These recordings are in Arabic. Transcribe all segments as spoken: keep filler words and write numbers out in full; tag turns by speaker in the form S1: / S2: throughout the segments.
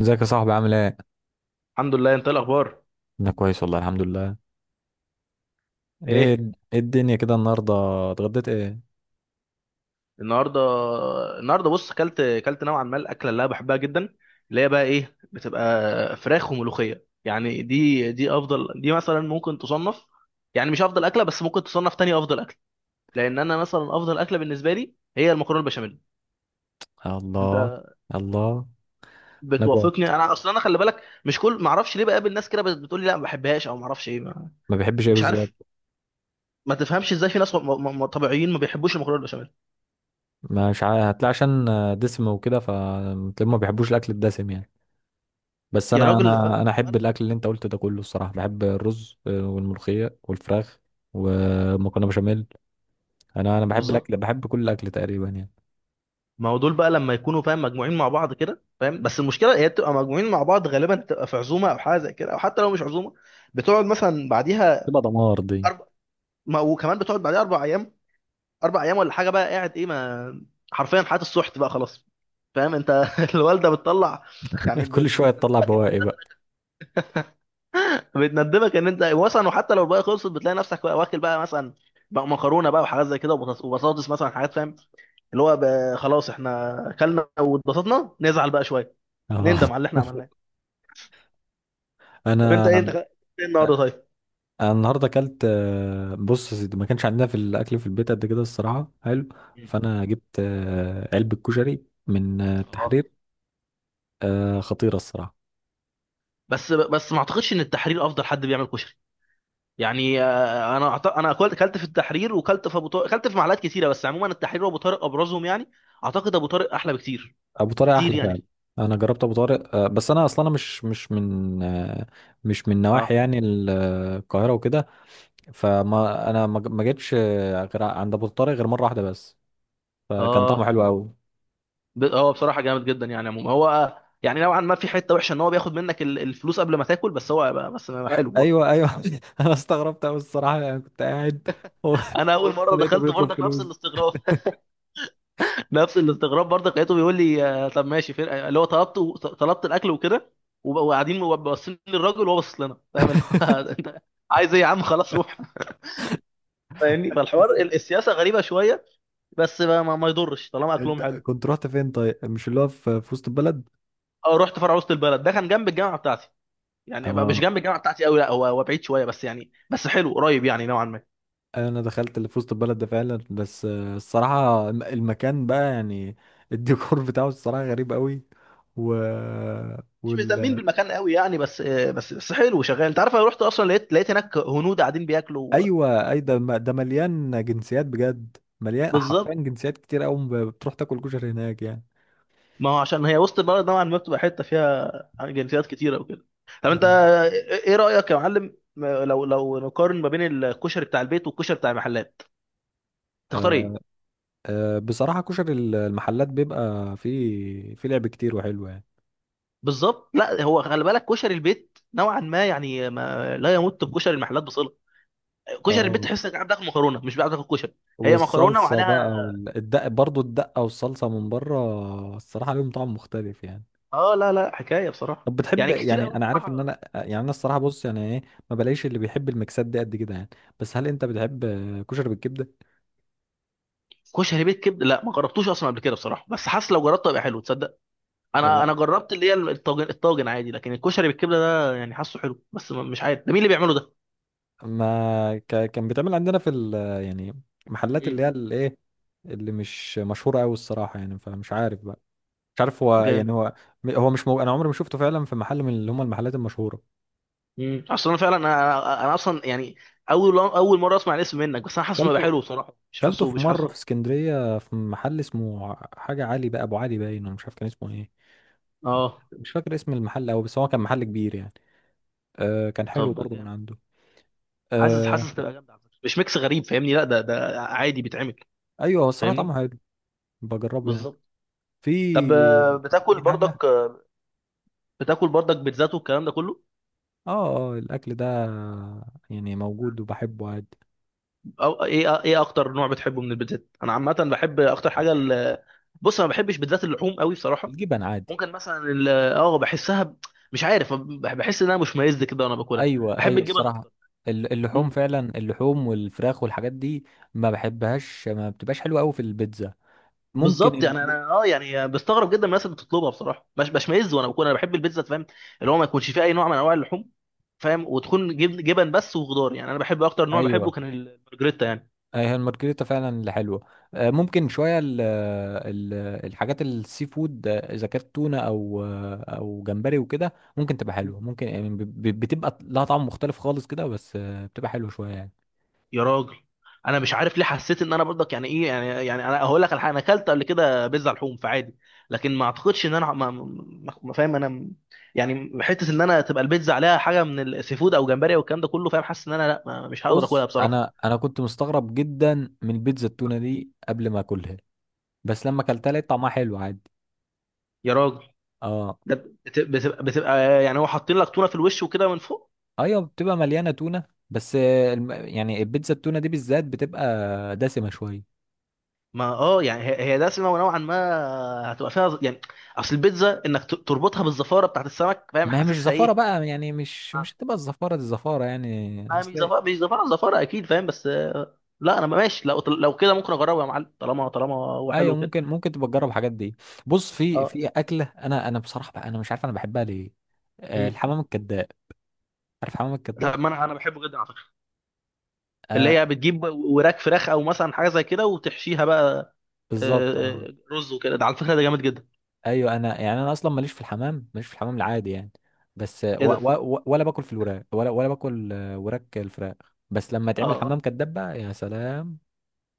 S1: ازيك يا صاحبي عامل ايه؟
S2: الحمد لله، انت ايه الاخبار؟
S1: انا كويس والله الحمد لله. ايه.
S2: ايه؟
S1: ايه الدنيا كده النهارده؟ اتغديت ايه؟
S2: النهارده النهارده بص، كلت كلت نوعا ما الاكله اللي انا بحبها جدا، اللي هي بقى ايه، بتبقى فراخ وملوخيه. يعني دي دي افضل، دي مثلا ممكن تصنف، يعني مش افضل اكله بس ممكن تصنف تاني افضل اكله، لان انا مثلا افضل اكله بالنسبه لي هي المكرونه البشاميل. انت
S1: الله. الله. انا جوع.
S2: بتوافقني؟ انا اصلا انا خلي بالك مش كل، ما اعرفش ليه بقابل ناس كده بت- بتقول لي لا ما بحبهاش، او ما اعرفش ايه ما-
S1: ما بحبش ايه
S2: مش
S1: بالظبط؟
S2: عارف. ما تفهمش ازاي في ناس م- م- م- طبيعيين ما بيحبوش المكرونه البشاميل.
S1: مش عا- هتلاقي عشان دسم وكده، فما بيحبوش الاكل الدسم يعني. بس
S2: يا
S1: انا
S2: راجل، بس
S1: انا انا احب
S2: ولا-
S1: الاكل اللي انت قلت ده كله، الصراحه بحب الرز، آه، والملوخيه والفراخ ومكرونه بشاميل. انا انا بحب
S2: بالظبط.
S1: الاكل، بحب كل الاكل تقريبا يعني.
S2: ما هو دول بقى لما يكونوا فاهم مجموعين مع بعض كده، فاهم، بس المشكله هي بتبقى مجموعين مع بعض غالبا، بتبقى في عزومه او حاجه زي كده، او حتى لو مش عزومه، بتقعد مثلا بعديها
S1: تبقى دمار دي.
S2: أربع. ما وكمان بتقعد بعديها اربع ايام اربع ايام ولا حاجه، بقى قاعد ايه، ما حرفيا حياه السحت بقى خلاص. فاهم انت؟ الوالده بتطلع. يعني ب-
S1: كل
S2: ب-
S1: شويه تطلع
S2: بتندبك ان
S1: بواقي
S2: انت،
S1: بقى.
S2: بتندبك ان انت مثلا، وحتى لو الباقي خلصت بتلاقي نفسك بقى واكل بقى مثلا، بقى مكرونه بقى وحاجات زي كده، وبطاطس وبطاطس مثلا حاجات، فاهم، اللي هو بقى خلاص احنا اكلنا واتبسطنا، نزعل بقى شويه، نندم على
S1: اه.
S2: اللي احنا عملناه. طب انت ايه انت
S1: انا
S2: خ- ايه النهارده طيب؟
S1: انا النهارده اكلت، آه، بص يا سيدي، ما كانش عندنا في الاكل في البيت قد كده الصراحه حلو.
S2: مم.
S1: فانا جبت آه، علبه كشري من آه،
S2: اه.
S1: التحرير. آه، خطيره الصراحه.
S2: بس بس ما اعتقدش ان التحرير افضل حد بيعمل كشري، يعني آه، انا أعت- انا اكلت اكلت في التحرير، وكلت في ابو طارق، اكلت في محلات كتيره، بس عموما التحرير وابو طارق ابرزهم يعني. اعتقد ابو طارق احلى بكتير،
S1: ابو طارق
S2: كتير
S1: احلى فعلا.
S2: يعني.
S1: انا جربت ابو طارق، آه، بس انا اصلا أنا مش مش من آه، مش من نواحي
S2: اه.
S1: يعني ال- آه، القاهره وكده. فما انا ما ما جيتش آه، غير عند ابو طارق غير مره واحده بس. فكان
S2: اه.
S1: طعمه حلو قوي.
S2: ب- هو بصراحه جامد جدا، يعني عموما هو آه، يعني نوعا ما في حته وحشه ان هو بياخد منك ال- الفلوس قبل ما تاكل، بس هو بس حلو برضه.
S1: ايوه، ايوه، انا استغربت قوي الصراحه، يعني كنت قاعد
S2: انا اول
S1: وبص
S2: مره
S1: لقيته
S2: دخلت
S1: بيطلب
S2: برضك، نفس
S1: فلوس.
S2: الاستغراب. نفس الاستغراب برضه، لقيته بيقول لي آه، طب ماشي، فرقه اللي هو طلبت، طلبت الاكل وكده، وب- وقاعدين باصين للراجل وهو باصص لنا، فاهم اللي هو، انت عايز ايه يا عم، خلاص روح. فاهمني، فالحوار
S1: بس
S2: ال- السياسه غريبه شويه، بس ما, ما ما يضرش طالما
S1: انت
S2: اكلهم حلو.
S1: كنت رحت فين طيب؟ مش اللي هو في في وسط البلد؟
S2: اه، رحت فرع وسط البلد، ده كان جنب الجامعه بتاعتي. يعني بقى مش
S1: اه،
S2: جنب الجامعه بتاعتي قوي، لا هو هو بعيد شويه، بس يعني بس حلو قريب يعني نوعا ما.
S1: انا دخلت اللي في وسط البلد ده فعلا، بس آه، الصراحه الم- المكان بقى يعني الديكور بتاعه الصراحه غريب قوي. و
S2: مش مهتمين
S1: وال
S2: بالمكان قوي يعني، بس آه، بس بس حلو شغال. انت عارف، انا رحت اصلا لقيت لقيت هناك هنود قاعدين بياكلوا.
S1: ايوه، اي ده م- ده مليان جنسيات بجد، مليان حرفيا
S2: بالظبط.
S1: جنسيات كتير قوي بتروح تاكل كشري هناك يعني.
S2: ما هو عشان هي وسط البلد نوعا ما بتبقى حته فيها جنسيات كتيره وكده. طب انت
S1: أيوة.
S2: ايه رايك يا معلم، لو لو نقارن ما بين الكشري بتاع البيت والكشري بتاع المحلات، تختار
S1: أه،
S2: ايه؟
S1: أه، بصراحه كشري المحلات بيبقى فيه فيه لعب كتير وحلو يعني.
S2: بالظبط. لا هو خلي بالك، كشري البيت نوعا ما يعني ما لا يمت بكشري المحلات بصله. كشري البيت
S1: اه.
S2: تحس انك قاعد تاكل مكرونه مش قاعد تاكل كشري. هي مكرونه
S1: والصلصة بقى
S2: وعليها.
S1: والدقة، برضو الدقة والصلصة من بره الصراحة لهم طعم مختلف يعني.
S2: اه، لا لا حكايه بصراحه.
S1: طب بتحب،
S2: يعني كتير
S1: يعني
S2: قوي
S1: انا عارف ان
S2: بصراحه.
S1: انا يعني انا، الصراحة بص يعني ايه، ما بلاقيش اللي بيحب الميكسات دي قد كده يعني. بس هل انت بتحب كشري بالكبدة؟
S2: كشري بيت كبد، لا ما جربتوش اصلا قبل كده بصراحه، بس حاسس لو جربته هيبقى حلو، تصدق.
S1: آه،
S2: انا انا
S1: لا،
S2: جربت اللي هي الطاجن الطاجن عادي، لكن الكشري بالكبده ده يعني حاسه حلو، بس ما- مش عارف ده مين اللي بيعمله ده.
S1: ما ك... كان بيتعمل عندنا في ال... يعني محلات اللي هي
S2: مم.
S1: الايه، اللي مش مشهورة قوي الصراحة يعني، فمش عارف بقى. مش عارف هو يعني
S2: جامد.
S1: هو. هو مش مو... انا عمري ما شفته فعلا في محل من اللي هم المحلات المشهورة.
S2: مم. اصلا انا فعلا انا. انا أنا اصلا يعني، اول اول مره اسمع الاسم منك، بس انا حاسه إنه هيبقى
S1: كلته
S2: حلو بصراحه، مش
S1: كلته
S2: حاسه
S1: في
S2: مش
S1: مرة في
S2: حاسه.
S1: اسكندرية في محل اسمه حاجة علي بقى، أبو علي باين، ولا مش عارف كان اسمه إيه.
S2: اه
S1: مش فاكر اسم المحل أوي، بس هو كان محل كبير يعني. آه كان حلو
S2: طب
S1: برضه من
S2: جامد.
S1: عنده.
S2: حاسس
S1: آه.
S2: حاسس تبقى جامده على فكره، مش ميكس غريب، فاهمني؟ لا ده ده عادي بيتعمل.
S1: أيوه، هو الصراحة طعمه
S2: فاهمني.
S1: حلو. بجربه يعني.
S2: بالظبط.
S1: في
S2: طب آه، بتاكل
S1: في حاجة.
S2: برضك، بتاكل برضك بيتزات والكلام ده كله؟
S1: آه، آه، الأكل ده يعني موجود وبحبه عادي.
S2: أو ايه ايه اكتر نوع بتحبه من البيتزات؟ انا عامه بحب اكتر حاجه ال... بص، انا ما بحبش بالذات اللحوم قوي بصراحه.
S1: الجبن عادي.
S2: ممكن مثلا ال... اه، بحسها ب- مش عارف، بح- بحس انها مشمئز كده وانا باكلها.
S1: ايوه،
S2: بحب
S1: ايوه،
S2: الجبن
S1: الصراحه.
S2: اكتر.
S1: ال- اللحوم
S2: مم.
S1: فعلا، اللحوم والفراخ والحاجات دي ما بحبهاش، ما بتبقاش حلوه قوي في البيتزا. ممكن
S2: بالظبط،
S1: ال...
S2: يعني انا اه يعني بستغرب جدا من الناس اللي بتطلبها بصراحه، مش بشمئز وانا باكلها، انا بحب البيتزا فاهم، اللي هو ما يكونش فيها اي نوع من انواع اللحوم، فاهم، وتكون جبن, جبن بس وخضار، يعني انا بحب اكتر نوع بحبه
S1: ايوه،
S2: كان البرجريتا يعني.
S1: أي هي المارجريتا فعلا اللي حلوه. آه، ممكن شويه ال ال الحاجات السي فود، آه، اذا كانت تونه، او آه، او جمبري وكده، ممكن تبقى حلوه، ممكن يعني ب- ب- بتبقى لها طعم مختلف خالص كده، بس آه، بتبقى حلوه شويه يعني.
S2: يا راجل، انا مش عارف ليه حسيت ان انا برضك يعني ايه، يعني يعني انا هقول لك على حاجه، انا اكلت قبل كده بيتزا لحوم فعادي، لكن ما اعتقدش ان انا ما, ما ما- فاهم انا م- يعني حته ان انا تبقى البيتزا عليها حاجه من السي فود او جمبري او الكلام ده كله، فاهم، حاسس ان انا لا، ما- مش هقدر اكلها
S1: بص
S2: بصراحه.
S1: انا انا كنت مستغرب جدا من بيتزا التونه دي قبل ما اكلها، بس لما اكلتها لقيت طعمها حلو عادي.
S2: يا راجل،
S1: اه.
S2: ده بت- بتبقى بتبقى يعني، هو حاطين لك تونه في الوش وكده من فوق.
S1: ايوه، بتبقى مليانه تونه. بس آه، الم- يعني البيتزا التونه دي بالذات بتبقى دسمه شويه.
S2: ما اه يعني هي هي دسمه ونوعا ما، هتبقى فيها ز- يعني اصل البيتزا انك ت- تربطها بالزفاره بتاعت السمك، فاهم
S1: ما هي مش
S2: حاسسها
S1: زفاره
S2: ايه.
S1: بقى يعني، مش مش هتبقى الزفاره دي زفاره يعني
S2: انا مش
S1: اصل.
S2: زفارة، مش زفارة، زفارة اكيد فاهم، بس آه، لا انا ماشي، لو لو كده ممكن اجربه يا معلم، طالما طالما هو
S1: ايوه،
S2: حلو كده.
S1: ممكن ممكن تبقى تجرب الحاجات دي. بص في
S2: اه.
S1: في اكله، انا انا بصراحه بقى انا مش عارف انا بحبها ليه. آه،
S2: مم.
S1: الحمام الكذاب. عارف الحمام الكذاب؟
S2: طب ما انا انا بحبه جدا على فكره.
S1: آه.
S2: اللي هي بتجيب وراك فراخ او مثلا حاجه زي كده وتحشيها بقى،
S1: بالظبط
S2: آه،
S1: اه.
S2: آه، رز وكده، ده على فكره ده جامد جدا.
S1: ايوه، انا يعني انا اصلا ماليش في الحمام، ماليش في الحمام العادي يعني. بس آه، و
S2: ايه ده؟
S1: و و ولا باكل في الوراك، ولا ولا باكل آه، وراك الفراخ. بس لما تعمل
S2: اه
S1: حمام كذاب بقى يا سلام،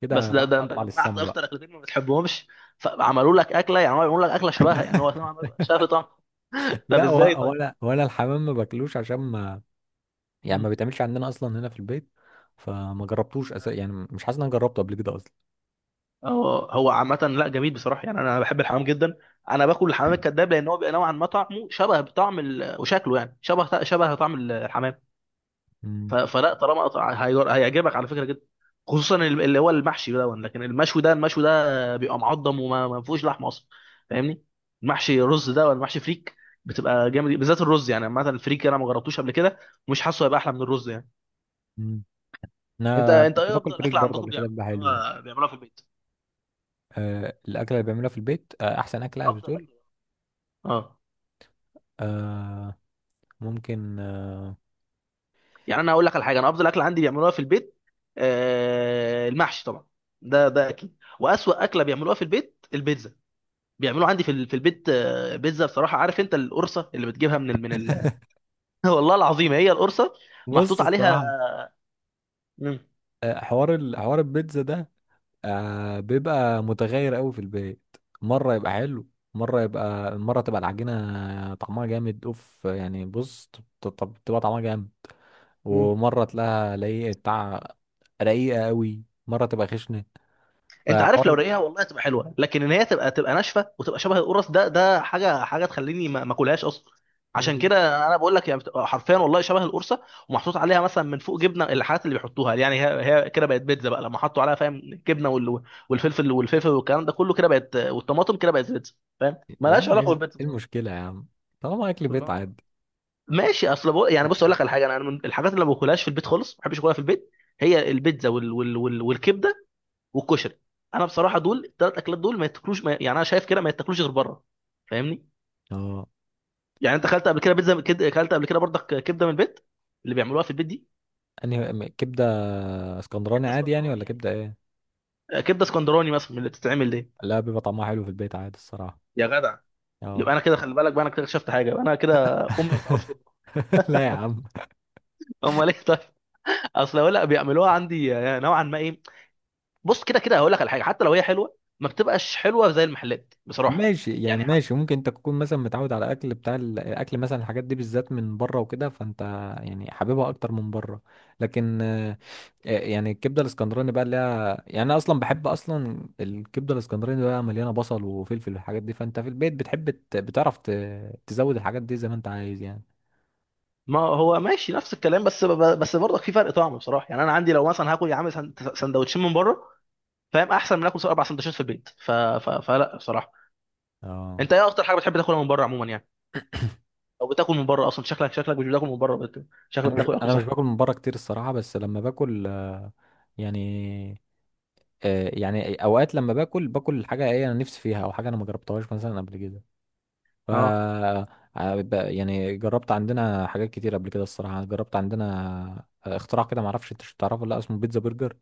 S1: كده
S2: بس، ده ده انت
S1: اطلع
S2: جمعت
S1: للسما بقى.
S2: اكتر اكلتين ما بتحبهمش، فعملوا لك اكله، يعني هو عملوا لك اكله شبهها، يعني هو نوعاً ما بيبقى شبه طعم. طب
S1: لا،
S2: ازاي
S1: و-
S2: طيب؟
S1: ولا ولا الحمام ما باكلوش عشان ما، يعني ما
S2: مم.
S1: بيتعملش عندنا اصلا هنا في البيت. فما جربتوش أس... يعني مش حاسس ان انا جربته قبل كده اصلا.
S2: هو هو عامة، لا جميل بصراحة، يعني أنا بحب الحمام جدا. أنا باكل الحمام الكذاب لأن هو بيبقى نوعا ما طعمه شبه بطعم ال... وشكله، يعني شبه شبه طعم الحمام.
S1: مم.
S2: ف... فلا، طالما طع- هي- هيعجبك على فكرة جدا، خصوصا ال- اللي هو المحشي ده، لكن المشوي ده المشوي ده بيبقى معضم وما ما فيهوش لحمة أصلا. فاهمني. المحشي رز ده ولا محشي فريك؟ بتبقى جامد بالذات الرز، يعني مثلا الفريك أنا ما جربتوش قبل كده، مش حاسه هيبقى أحلى من الرز يعني.
S1: مم.
S2: أنت
S1: انا
S2: أنت
S1: كنت
S2: إيه
S1: باكل
S2: أفضل
S1: فريك
S2: أكلة
S1: برضه
S2: عندكم
S1: قبل كده، بيبقى حلو يعني.
S2: بيعملوها بيعملوها في البيت؟
S1: أه، الاكله اللي بعملها في البيت، أه احسن اكله
S2: أفضل
S1: بتقول؟
S2: أكلة. اه.
S1: أه، ممكن أه.
S2: يعني انا اقول لك على حاجه، انا افضل اكله عندي بيعملوها في البيت، آه، المحشي طبعا، ده ده اكيد، واسوأ اكله بيعملوها في البيت البيتزا. بيعملوها عندي في ال- في البيت، آه، بيتزا بصراحه. عارف انت القرصه اللي بتجيبها من ال من ال والله العظيم هي القرصه،
S1: بص
S2: محطوط عليها.
S1: الصراحه،
S2: مم.
S1: أه حوار ال... حوار البيتزا ده، أه بيبقى متغير قوي في البيت. مره يبقى حلو، مره يبقى مره تبقى العجينه طعمها جامد اوف يعني. بص ت- ت- تبقى طعمها جامد،
S2: مم.
S1: ومره تلاقيها لايقه بتاع رقيقه قوي، مره تبقى خشنه.
S2: انت عارف، لو
S1: فحوار
S2: رقيقها والله تبقى حلوه، لكن ان هي تبقى تبقى ناشفه وتبقى شبه القرص ده ده حاجه حاجه تخليني ما ما اكلهاش اصلا.
S1: الأكلة
S2: عشان
S1: دي
S2: كده انا بقول لك يعني، بتبقى حرفيا والله شبه القرصه، ومحطوط عليها مثلا من فوق جبنه، الحاجات اللي بيحطوها، يعني هي هي كده بقت بيتزا بقى لما حطوا عليها، فاهم، الجبنه وال- والفلفل والفلفل والكلام ده كله كده بقت، والطماطم كده بقت بيتزا. فاهم،
S1: يا
S2: مالهاش
S1: عم ايه.
S2: علاقه بالبيتزا
S1: إيه
S2: بصراحة.
S1: المشكله يا عم؟ طالما اكل بيت
S2: ما-
S1: عادي.
S2: ماشي اصل بقول يعني، بص اقول لك على حاجه، انا من الحاجات اللي ما باكلهاش في البيت خالص، ما بحبش اكلها في البيت، هي البيتزا وال... وال... وال... والكبده، والكشري. انا بصراحه دول الثلاث اكلات دول ما يتاكلوش، ما... يعني انا شايف كده ما يتاكلوش غير بره. فاهمني.
S1: اه.
S2: يعني انت اكلت قبل كده بيتزا كده، اكلت قبل كده برضك كبده من البيت، اللي بيعملوها في البيت دي؟
S1: انهي م- كبده؟ اسكندراني
S2: كبده
S1: عادي يعني
S2: اسكندراني
S1: ولا
S2: يعني،
S1: كبده ايه؟
S2: آه، كبده اسكندراني مثلا، من اللي بتتعمل دي.
S1: لا، بيبقى طعمها حلو في البيت عادي الصراحه.
S2: يا جدع، يبقى
S1: اه.
S2: انا كده خلي بالك بقى، انا كده اكتشفت حاجه، يبقى انا كده امي ما بتعرفش تطبخ.
S1: لا يا عم.
S2: امال ايه طيب؟ اصل هقول لك بيعملوها عندي آه، نوعا ما ايه. بص، كده كده هقول لك على حاجه، حتى لو هي حلوه ما بتبقاش حلوه زي المحلات بصراحه.
S1: ماشي يعني،
S2: يعني
S1: ماشي ممكن انت تكون مثلا متعود على اكل بتاع ال- الاكل مثلا، الحاجات دي بالذات من بره وكده، فانت يعني حاببها اكتر من بره. لكن آه، آه، يعني الكبده الاسكندراني بقى اللي هي، يعني انا اصلا بحب اصلا الكبده الاسكندراني بقى مليانه بصل وفلفل والحاجات دي، فانت في البيت بتحب ت- بتعرف ت- تزود الحاجات دي زي ما انت عايز يعني.
S2: ما هو ماشي نفس الكلام، بس بس برضك في فرق طعم بصراحه، يعني انا عندي لو مثلا هاكل يا عم سن- سندوتشين من بره، فاهم، احسن من اكل اربع سندوتشات في البيت، ف... ف... فلا بصراحه.
S1: اه.
S2: انت ايه اكتر حاجه بتحب تاكلها من بره عموما يعني؟ او بتاكل من بره اصلا؟ شكلك شكلك مش بتاكل من بره، بت... شكلك
S1: انا مش
S2: بتاكل اكل
S1: انا مش
S2: صحي.
S1: باكل من بره كتير الصراحه، بس لما باكل آه، يعني آه، يعني اوقات لما باكل باكل حاجه ايه انا نفسي فيها، او حاجه انا ما جربتهاش مثلا قبل كده. ف
S2: اه
S1: ع- ب- يعني جربت عندنا حاجات كتير قبل كده الصراحة، جربت عندنا آه، اختراع كده معرفش انت مش تعرفه ولا لأ، اسمه بيتزا برجر.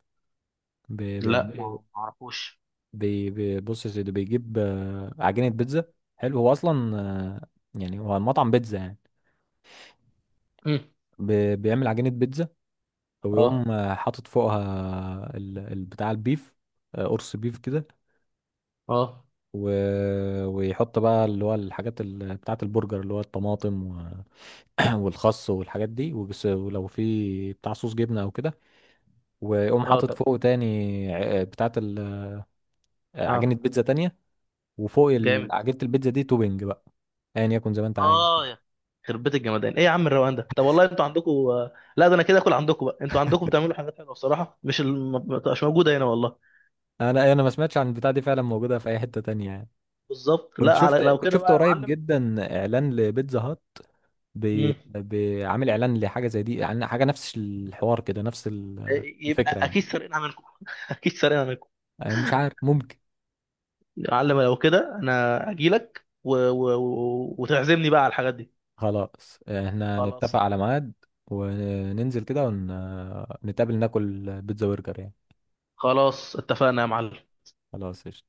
S1: بي-
S2: لا ما
S1: بيعملوا
S2: ما اعرفوش.
S1: بي- بي- بص يا سيدي، بيجيب آه، عجينة بيتزا، حلو هو أصلا، آه، يعني هو المطعم بيتزا يعني.
S2: مم.
S1: بي- بيعمل عجينة بيتزا،
S2: اه.
S1: ويقوم آه، حاطط فوقها ال- ال- بتاع البيف، آه، قرص بيف كده.
S2: اه.
S1: و- ويحط بقى اللي هو الحاجات ال- بتاعة البرجر، اللي هو الطماطم والخس والحاجات دي، وبس- ولو في بتاع صوص جبنه او كده. واقوم
S2: اه
S1: حاطط
S2: طب.
S1: فوقه تاني ع- بتاعه ال- عجينه
S2: اه
S1: بيتزا تانية، وفوق ال-
S2: جامد.
S1: عجينه البيتزا دي توبنج بقى، ايا يكن زي ما انت عايز.
S2: اه يا، خربت بيت الجمدان، ايه يا عم الروقان ده، طب والله انتوا عندكم. لا ده انا كده اكل عندكم بقى، انتوا عندكم بتعملوا حاجات حلوه بصراحه، مش الم- ما بتبقاش موجوده هنا والله.
S1: انا أيوة، انا ما سمعتش عن البتاع دي فعلا موجوده في اي حته تانية يعني.
S2: بالظبط،
S1: كنت
S2: لا على
S1: شفت
S2: لو
S1: كنت
S2: كده
S1: شفت
S2: بقى يا
S1: قريب
S2: معلم.
S1: جدا اعلان لبيتزا هات، بي-
S2: مم.
S1: بيعمل اعلان لحاجه زي دي يعني، حاجه نفس الحوار كده، نفس ال- الفكره
S2: يبقى
S1: يعني.
S2: اكيد سارقينها منكم. اكيد سارقينها منكم.
S1: أنا مش عارف.
S2: يا معلم لو كده انا اجيلك و... و... و... وتعزمني بقى على الحاجات دي.
S1: خلاص، احنا
S2: خلاص.
S1: نتفق على ميعاد وننزل كده ونتقابل ناكل بيتزا برجر يعني.
S2: خلاص اتفقنا يا معلم.
S1: خلاص.